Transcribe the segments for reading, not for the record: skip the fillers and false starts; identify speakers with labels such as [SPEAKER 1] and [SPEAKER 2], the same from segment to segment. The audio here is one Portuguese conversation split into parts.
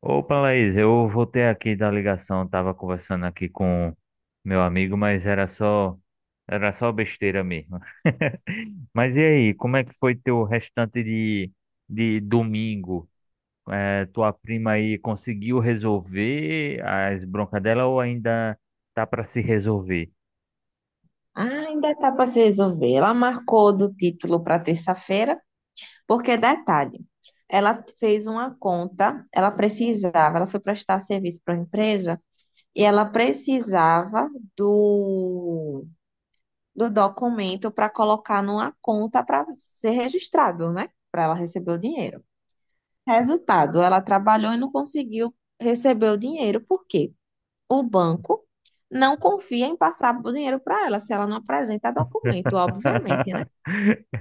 [SPEAKER 1] Opa, Laís, eu voltei aqui da ligação, tava conversando aqui com meu amigo, mas era só besteira mesmo. Mas e aí, como é que foi teu restante de domingo? Tua prima aí conseguiu resolver as broncas dela ou ainda tá para se resolver?
[SPEAKER 2] Ah, ainda está para se resolver. Ela marcou do título para terça-feira, porque detalhe, ela fez uma conta, ela precisava, ela foi prestar serviço para uma empresa e ela precisava do, do documento para colocar numa conta para ser registrado, né? Para ela receber o dinheiro. Resultado, ela trabalhou e não conseguiu receber o dinheiro, porque o banco não confia em passar o dinheiro para ela se ela não apresenta documento, obviamente, né?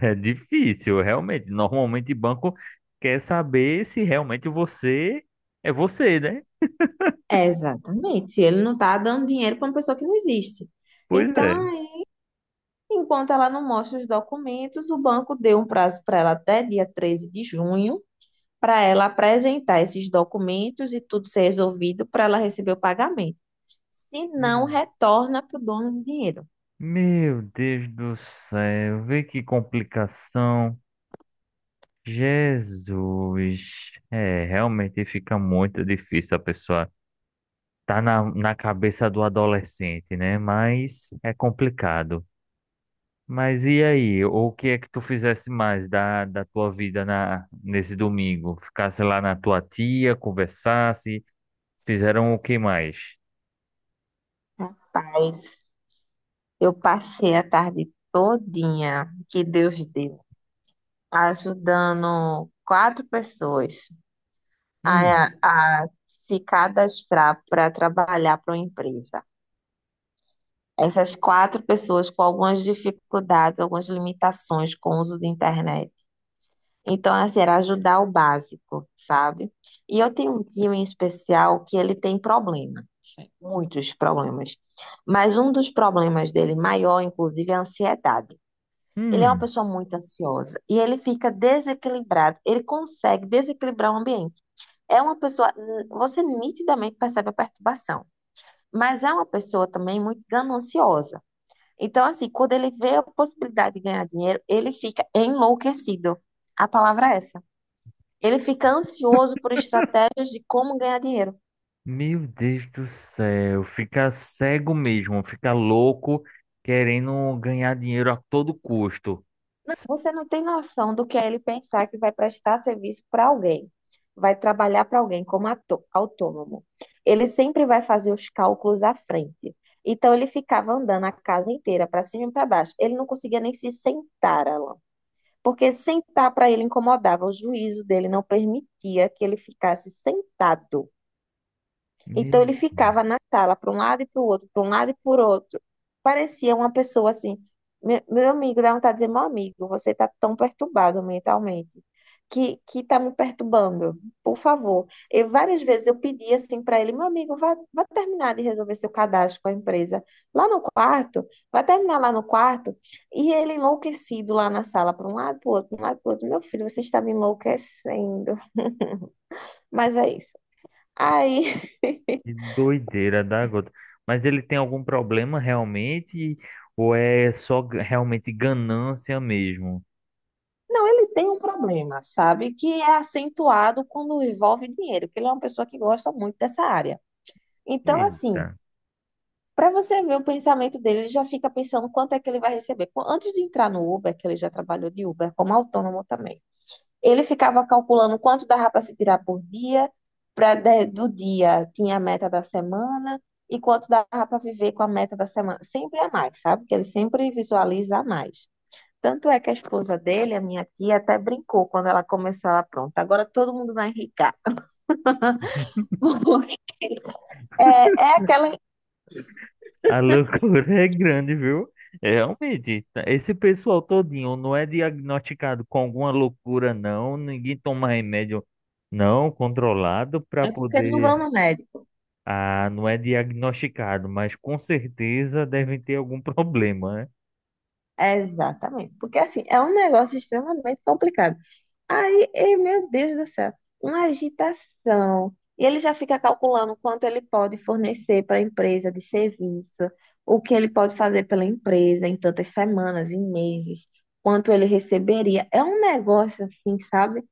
[SPEAKER 1] É difícil, realmente. Normalmente banco quer saber se realmente você é você, né?
[SPEAKER 2] É, exatamente. Se ele não está dando dinheiro para uma pessoa que não existe.
[SPEAKER 1] Pois
[SPEAKER 2] Então, aí, enquanto ela não mostra os documentos, o banco deu um prazo para ela até dia 13 de junho para ela apresentar esses documentos e tudo ser resolvido para ela receber o pagamento. Se não,
[SPEAKER 1] é.
[SPEAKER 2] retorna para o dono do dinheiro.
[SPEAKER 1] Meu Deus do céu, vê que complicação. Jesus, é, realmente fica muito difícil a pessoa tá na cabeça do adolescente, né? Mas é complicado. Mas e aí, o que é que tu fizesse mais da tua vida nesse domingo? Ficasse lá na tua tia, conversasse, fizeram o que mais?
[SPEAKER 2] Rapaz, eu passei a tarde todinha, que Deus deu, ajudando 4 pessoas
[SPEAKER 1] Hum,
[SPEAKER 2] a se cadastrar para trabalhar para uma empresa. Essas 4 pessoas com algumas dificuldades, algumas limitações com o uso da internet. Então, assim, era ajudar o básico, sabe? E eu tenho um tio em especial que ele tem problema, assim, muitos problemas. Mas um dos problemas dele maior, inclusive, é a ansiedade. Ele é uma
[SPEAKER 1] hum.
[SPEAKER 2] pessoa muito ansiosa e ele fica desequilibrado. Ele consegue desequilibrar o ambiente. É uma pessoa, você nitidamente percebe a perturbação, mas é uma pessoa também muito gananciosa. Então, assim, quando ele vê a possibilidade de ganhar dinheiro, ele fica enlouquecido. A palavra é essa. Ele fica ansioso por estratégias de como ganhar dinheiro.
[SPEAKER 1] Meu Deus do céu, fica cego mesmo, fica louco querendo ganhar dinheiro a todo custo.
[SPEAKER 2] Você não tem noção do que é ele pensar que vai prestar serviço para alguém, vai trabalhar para alguém como autônomo. Ele sempre vai fazer os cálculos à frente. Então ele ficava andando a casa inteira para cima e para baixo. Ele não conseguia nem se sentar, Alan, porque sentar para ele incomodava. O juízo dele não permitia que ele ficasse sentado.
[SPEAKER 1] Meu Deus,
[SPEAKER 2] Então ele ficava na sala, para um lado e para o outro, para um lado e para outro. Parecia uma pessoa assim. Meu amigo, dá vontade de dizer, meu amigo, você está tão perturbado mentalmente, que está me perturbando, por favor. E várias vezes eu pedi assim para ele, meu amigo, vá terminar de resolver seu cadastro com a empresa lá no quarto, vai terminar lá no quarto. E ele enlouquecido lá na sala, para um lado, para o outro, para um lado, para o outro. Meu filho, você está me enlouquecendo. Mas é isso. Aí.
[SPEAKER 1] que doideira da gota. Mas ele tem algum problema realmente? Ou é só realmente ganância mesmo?
[SPEAKER 2] Não, ele tem um problema, sabe? Que é acentuado quando envolve dinheiro, que ele é uma pessoa que gosta muito dessa área. Então,
[SPEAKER 1] Eita,
[SPEAKER 2] assim, para você ver o pensamento dele, ele já fica pensando quanto é que ele vai receber. Antes de entrar no Uber, que ele já trabalhou de Uber como autônomo também, ele ficava calculando quanto dava para se tirar por dia, para do dia tinha a meta da semana e quanto dava para viver com a meta da semana. Sempre a mais, sabe? Que ele sempre visualiza a mais. Tanto é que a esposa dele, a minha tia, até brincou quando ela começou lá, pronto, agora todo mundo vai enricar. Porque é aquela.
[SPEAKER 1] a loucura é grande, viu? É, realmente, esse pessoal todinho não é diagnosticado com alguma loucura, não. Ninguém toma remédio não controlado para
[SPEAKER 2] É porque não
[SPEAKER 1] poder.
[SPEAKER 2] vão no médico.
[SPEAKER 1] Ah, não é diagnosticado, mas com certeza devem ter algum problema, né?
[SPEAKER 2] É, exatamente. Porque assim, é um negócio extremamente complicado. Meu Deus do céu, uma agitação. E ele já fica calculando quanto ele pode fornecer para a empresa de serviço, o que ele pode fazer pela empresa em tantas semanas, em meses, quanto ele receberia. É um negócio assim, sabe?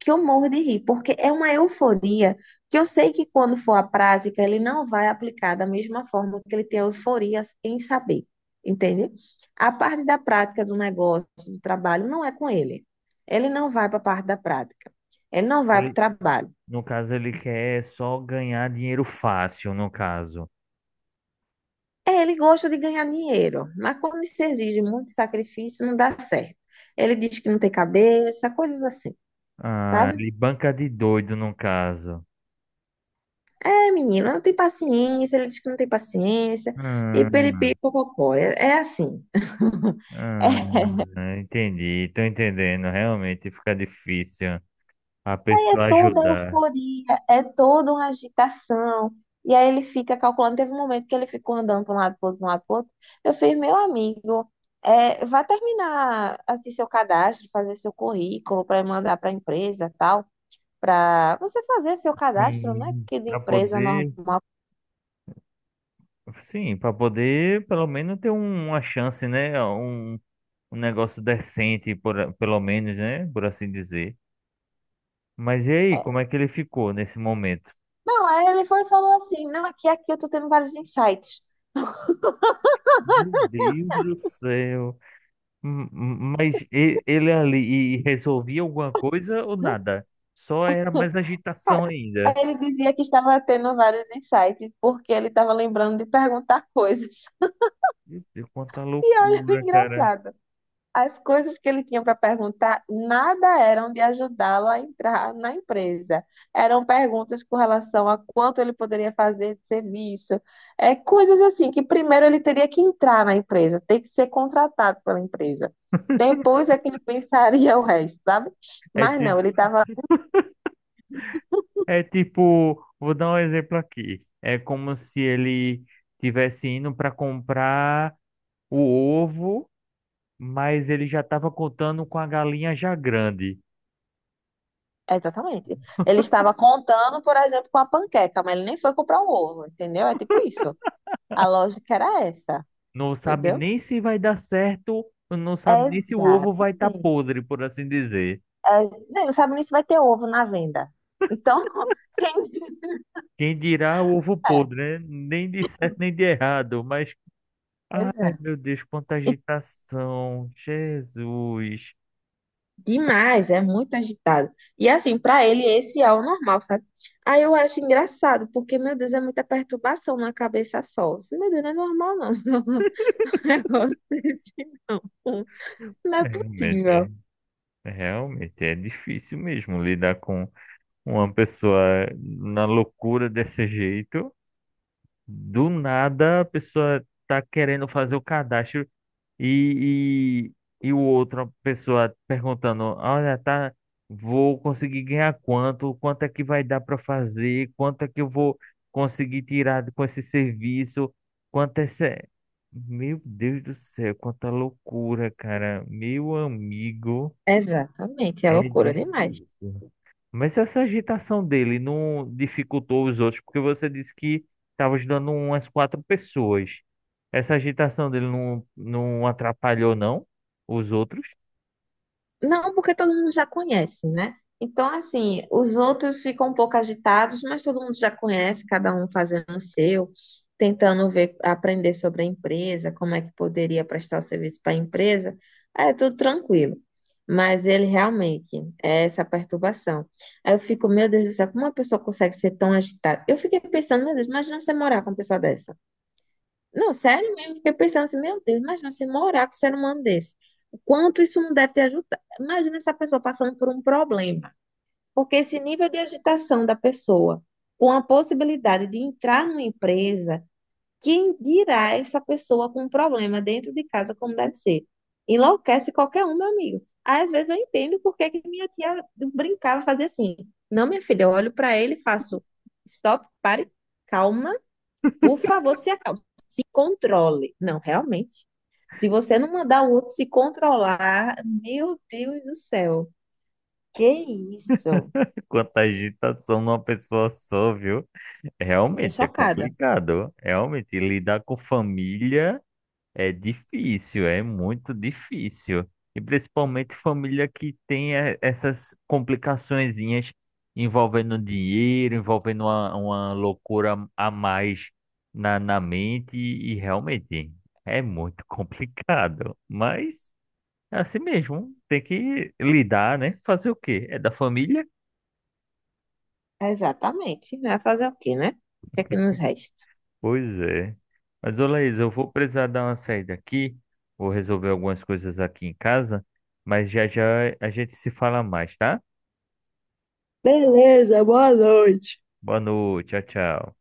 [SPEAKER 2] Que eu morro de rir, porque é uma euforia que eu sei que quando for à prática, ele não vai aplicar da mesma forma que ele tem euforia em saber, entende? A parte da prática do negócio, do trabalho, não é com ele. Ele não vai para a parte da prática. Ele não vai para o
[SPEAKER 1] Ele,
[SPEAKER 2] trabalho.
[SPEAKER 1] no caso, ele quer só ganhar dinheiro fácil, no caso.
[SPEAKER 2] É, ele gosta de ganhar dinheiro, mas quando se exige muito sacrifício, não dá certo. Ele diz que não tem cabeça, coisas assim,
[SPEAKER 1] Ah,
[SPEAKER 2] sabe?
[SPEAKER 1] ele banca de doido, no caso.
[SPEAKER 2] É, menina, não tem paciência, ele diz que não tem paciência, e peripi,
[SPEAKER 1] Hum,
[SPEAKER 2] popopó, é assim. É,
[SPEAKER 1] hum, entendi, tô entendendo. Realmente fica difícil a
[SPEAKER 2] é
[SPEAKER 1] pessoa
[SPEAKER 2] toda a
[SPEAKER 1] ajudar.
[SPEAKER 2] euforia, é toda uma agitação, e aí ele fica calculando, teve um momento que ele ficou andando para um lado, para outro, pra um lado, para outro, eu fiz, meu amigo, é, vá terminar, assim, seu cadastro, fazer seu currículo para mandar para a empresa, tal, para você fazer seu cadastro, né,
[SPEAKER 1] Sim.
[SPEAKER 2] que de
[SPEAKER 1] Para
[SPEAKER 2] empresa
[SPEAKER 1] poder,
[SPEAKER 2] normal,
[SPEAKER 1] sim, para poder pelo menos ter uma chance, né? Um negócio decente, por, pelo menos, né? Por assim dizer. Mas e aí, como
[SPEAKER 2] é,
[SPEAKER 1] é que ele ficou nesse momento?
[SPEAKER 2] não, aí ele foi e falou assim, não, aqui eu tô tendo vários insights.
[SPEAKER 1] Meu Deus do céu. Mas ele ali e resolvia alguma coisa ou nada? Só era mais agitação
[SPEAKER 2] Aí
[SPEAKER 1] ainda.
[SPEAKER 2] ele dizia que estava tendo vários insights, porque ele estava lembrando de perguntar coisas.
[SPEAKER 1] Meu Deus, quanta
[SPEAKER 2] E olha o
[SPEAKER 1] loucura, cara.
[SPEAKER 2] engraçado, as coisas que ele tinha para perguntar, nada eram de ajudá-lo a entrar na empresa. Eram perguntas com relação a quanto ele poderia fazer de serviço, é, coisas assim que primeiro ele teria que entrar na empresa, ter que ser contratado pela empresa. Depois é que ele pensaria o resto, sabe?
[SPEAKER 1] É,
[SPEAKER 2] Mas
[SPEAKER 1] ti-
[SPEAKER 2] não, ele estava.
[SPEAKER 1] é tipo, vou dar um exemplo aqui. É como se ele tivesse indo para comprar o ovo, mas ele já estava contando com a galinha já grande.
[SPEAKER 2] Exatamente. Ele estava contando, por exemplo, com a panqueca, mas ele nem foi comprar o ovo, entendeu? É tipo isso. A lógica era essa,
[SPEAKER 1] Não sabe
[SPEAKER 2] entendeu?
[SPEAKER 1] nem se vai dar certo, não sabe nem se o ovo vai estar
[SPEAKER 2] Exatamente.
[SPEAKER 1] podre, por assim dizer.
[SPEAKER 2] É, não sabe nem se vai ter ovo na venda. Então, quem
[SPEAKER 1] Quem dirá o ovo
[SPEAKER 2] é,
[SPEAKER 1] podre, né? Nem de certo nem de errado, mas
[SPEAKER 2] pois é.
[SPEAKER 1] ai meu Deus, quanta
[SPEAKER 2] E
[SPEAKER 1] agitação, Jesus.
[SPEAKER 2] demais, é muito agitado. E assim, para ele, esse é o normal, sabe? Aí eu acho engraçado, porque, meu Deus, é muita perturbação na cabeça só. Assim, meu Deus, não é normal, não. É um negócio desse, não. Não é
[SPEAKER 1] É,
[SPEAKER 2] possível.
[SPEAKER 1] realmente, realmente é difícil mesmo lidar com uma pessoa na loucura desse jeito. Do nada a pessoa tá querendo fazer o cadastro e, e o outra pessoa perguntando, olha, tá, vou conseguir ganhar quanto? Quanto é que vai dar para fazer? Quanto é que eu vou conseguir tirar com esse serviço? Quanto é esse... Meu Deus do céu, quanta loucura, cara. Meu amigo,
[SPEAKER 2] Exatamente, é
[SPEAKER 1] é
[SPEAKER 2] loucura demais.
[SPEAKER 1] difícil. Mas essa agitação dele não dificultou os outros, porque você disse que estava ajudando umas quatro pessoas. Essa agitação dele não atrapalhou, não? Os outros?
[SPEAKER 2] Não, porque todo mundo já conhece, né? Então, assim, os outros ficam um pouco agitados, mas todo mundo já conhece, cada um fazendo o seu, tentando ver, aprender sobre a empresa, como é que poderia prestar o serviço para a empresa. É tudo tranquilo. Mas ele realmente é essa perturbação. Aí eu fico, meu Deus do céu, como uma pessoa consegue ser tão agitada? Eu fiquei pensando, meu Deus, imagina você morar com uma pessoa dessa. Não, sério mesmo, fiquei pensando assim, meu Deus, imagina se morar com um ser humano desse. O quanto isso não deve te ajudar? Imagina essa pessoa passando por um problema. Porque esse nível de agitação da pessoa, com a possibilidade de entrar numa empresa, quem dirá essa pessoa com um problema dentro de casa, como deve ser? Enlouquece qualquer um, meu amigo. Às vezes eu entendo porque que minha tia brincava, fazia assim. Não, minha filha, eu olho para ele e faço, stop, pare, calma por favor, se acalme, se controle. Não, realmente. Se você não mandar o outro se controlar, meu Deus do céu. Que isso?
[SPEAKER 1] Quanta agitação numa pessoa só, viu?
[SPEAKER 2] Fiquei
[SPEAKER 1] Realmente é
[SPEAKER 2] chocada.
[SPEAKER 1] complicado. Realmente, lidar com família. É difícil, é muito difícil. E principalmente família que tem essas complicaçõezinhas envolvendo dinheiro, envolvendo uma loucura a mais na mente, e realmente é muito complicado. Mas é assim mesmo, tem que lidar, né? Fazer o quê? É da família?
[SPEAKER 2] Exatamente. Vai fazer o quê, né? O que é que nos resta?
[SPEAKER 1] Pois é. Mas, ô Laís, eu vou precisar dar uma saída aqui, vou resolver algumas coisas aqui em casa, mas já já a gente se fala mais, tá?
[SPEAKER 2] Beleza, boa noite.
[SPEAKER 1] Boa noite, tchau, tchau.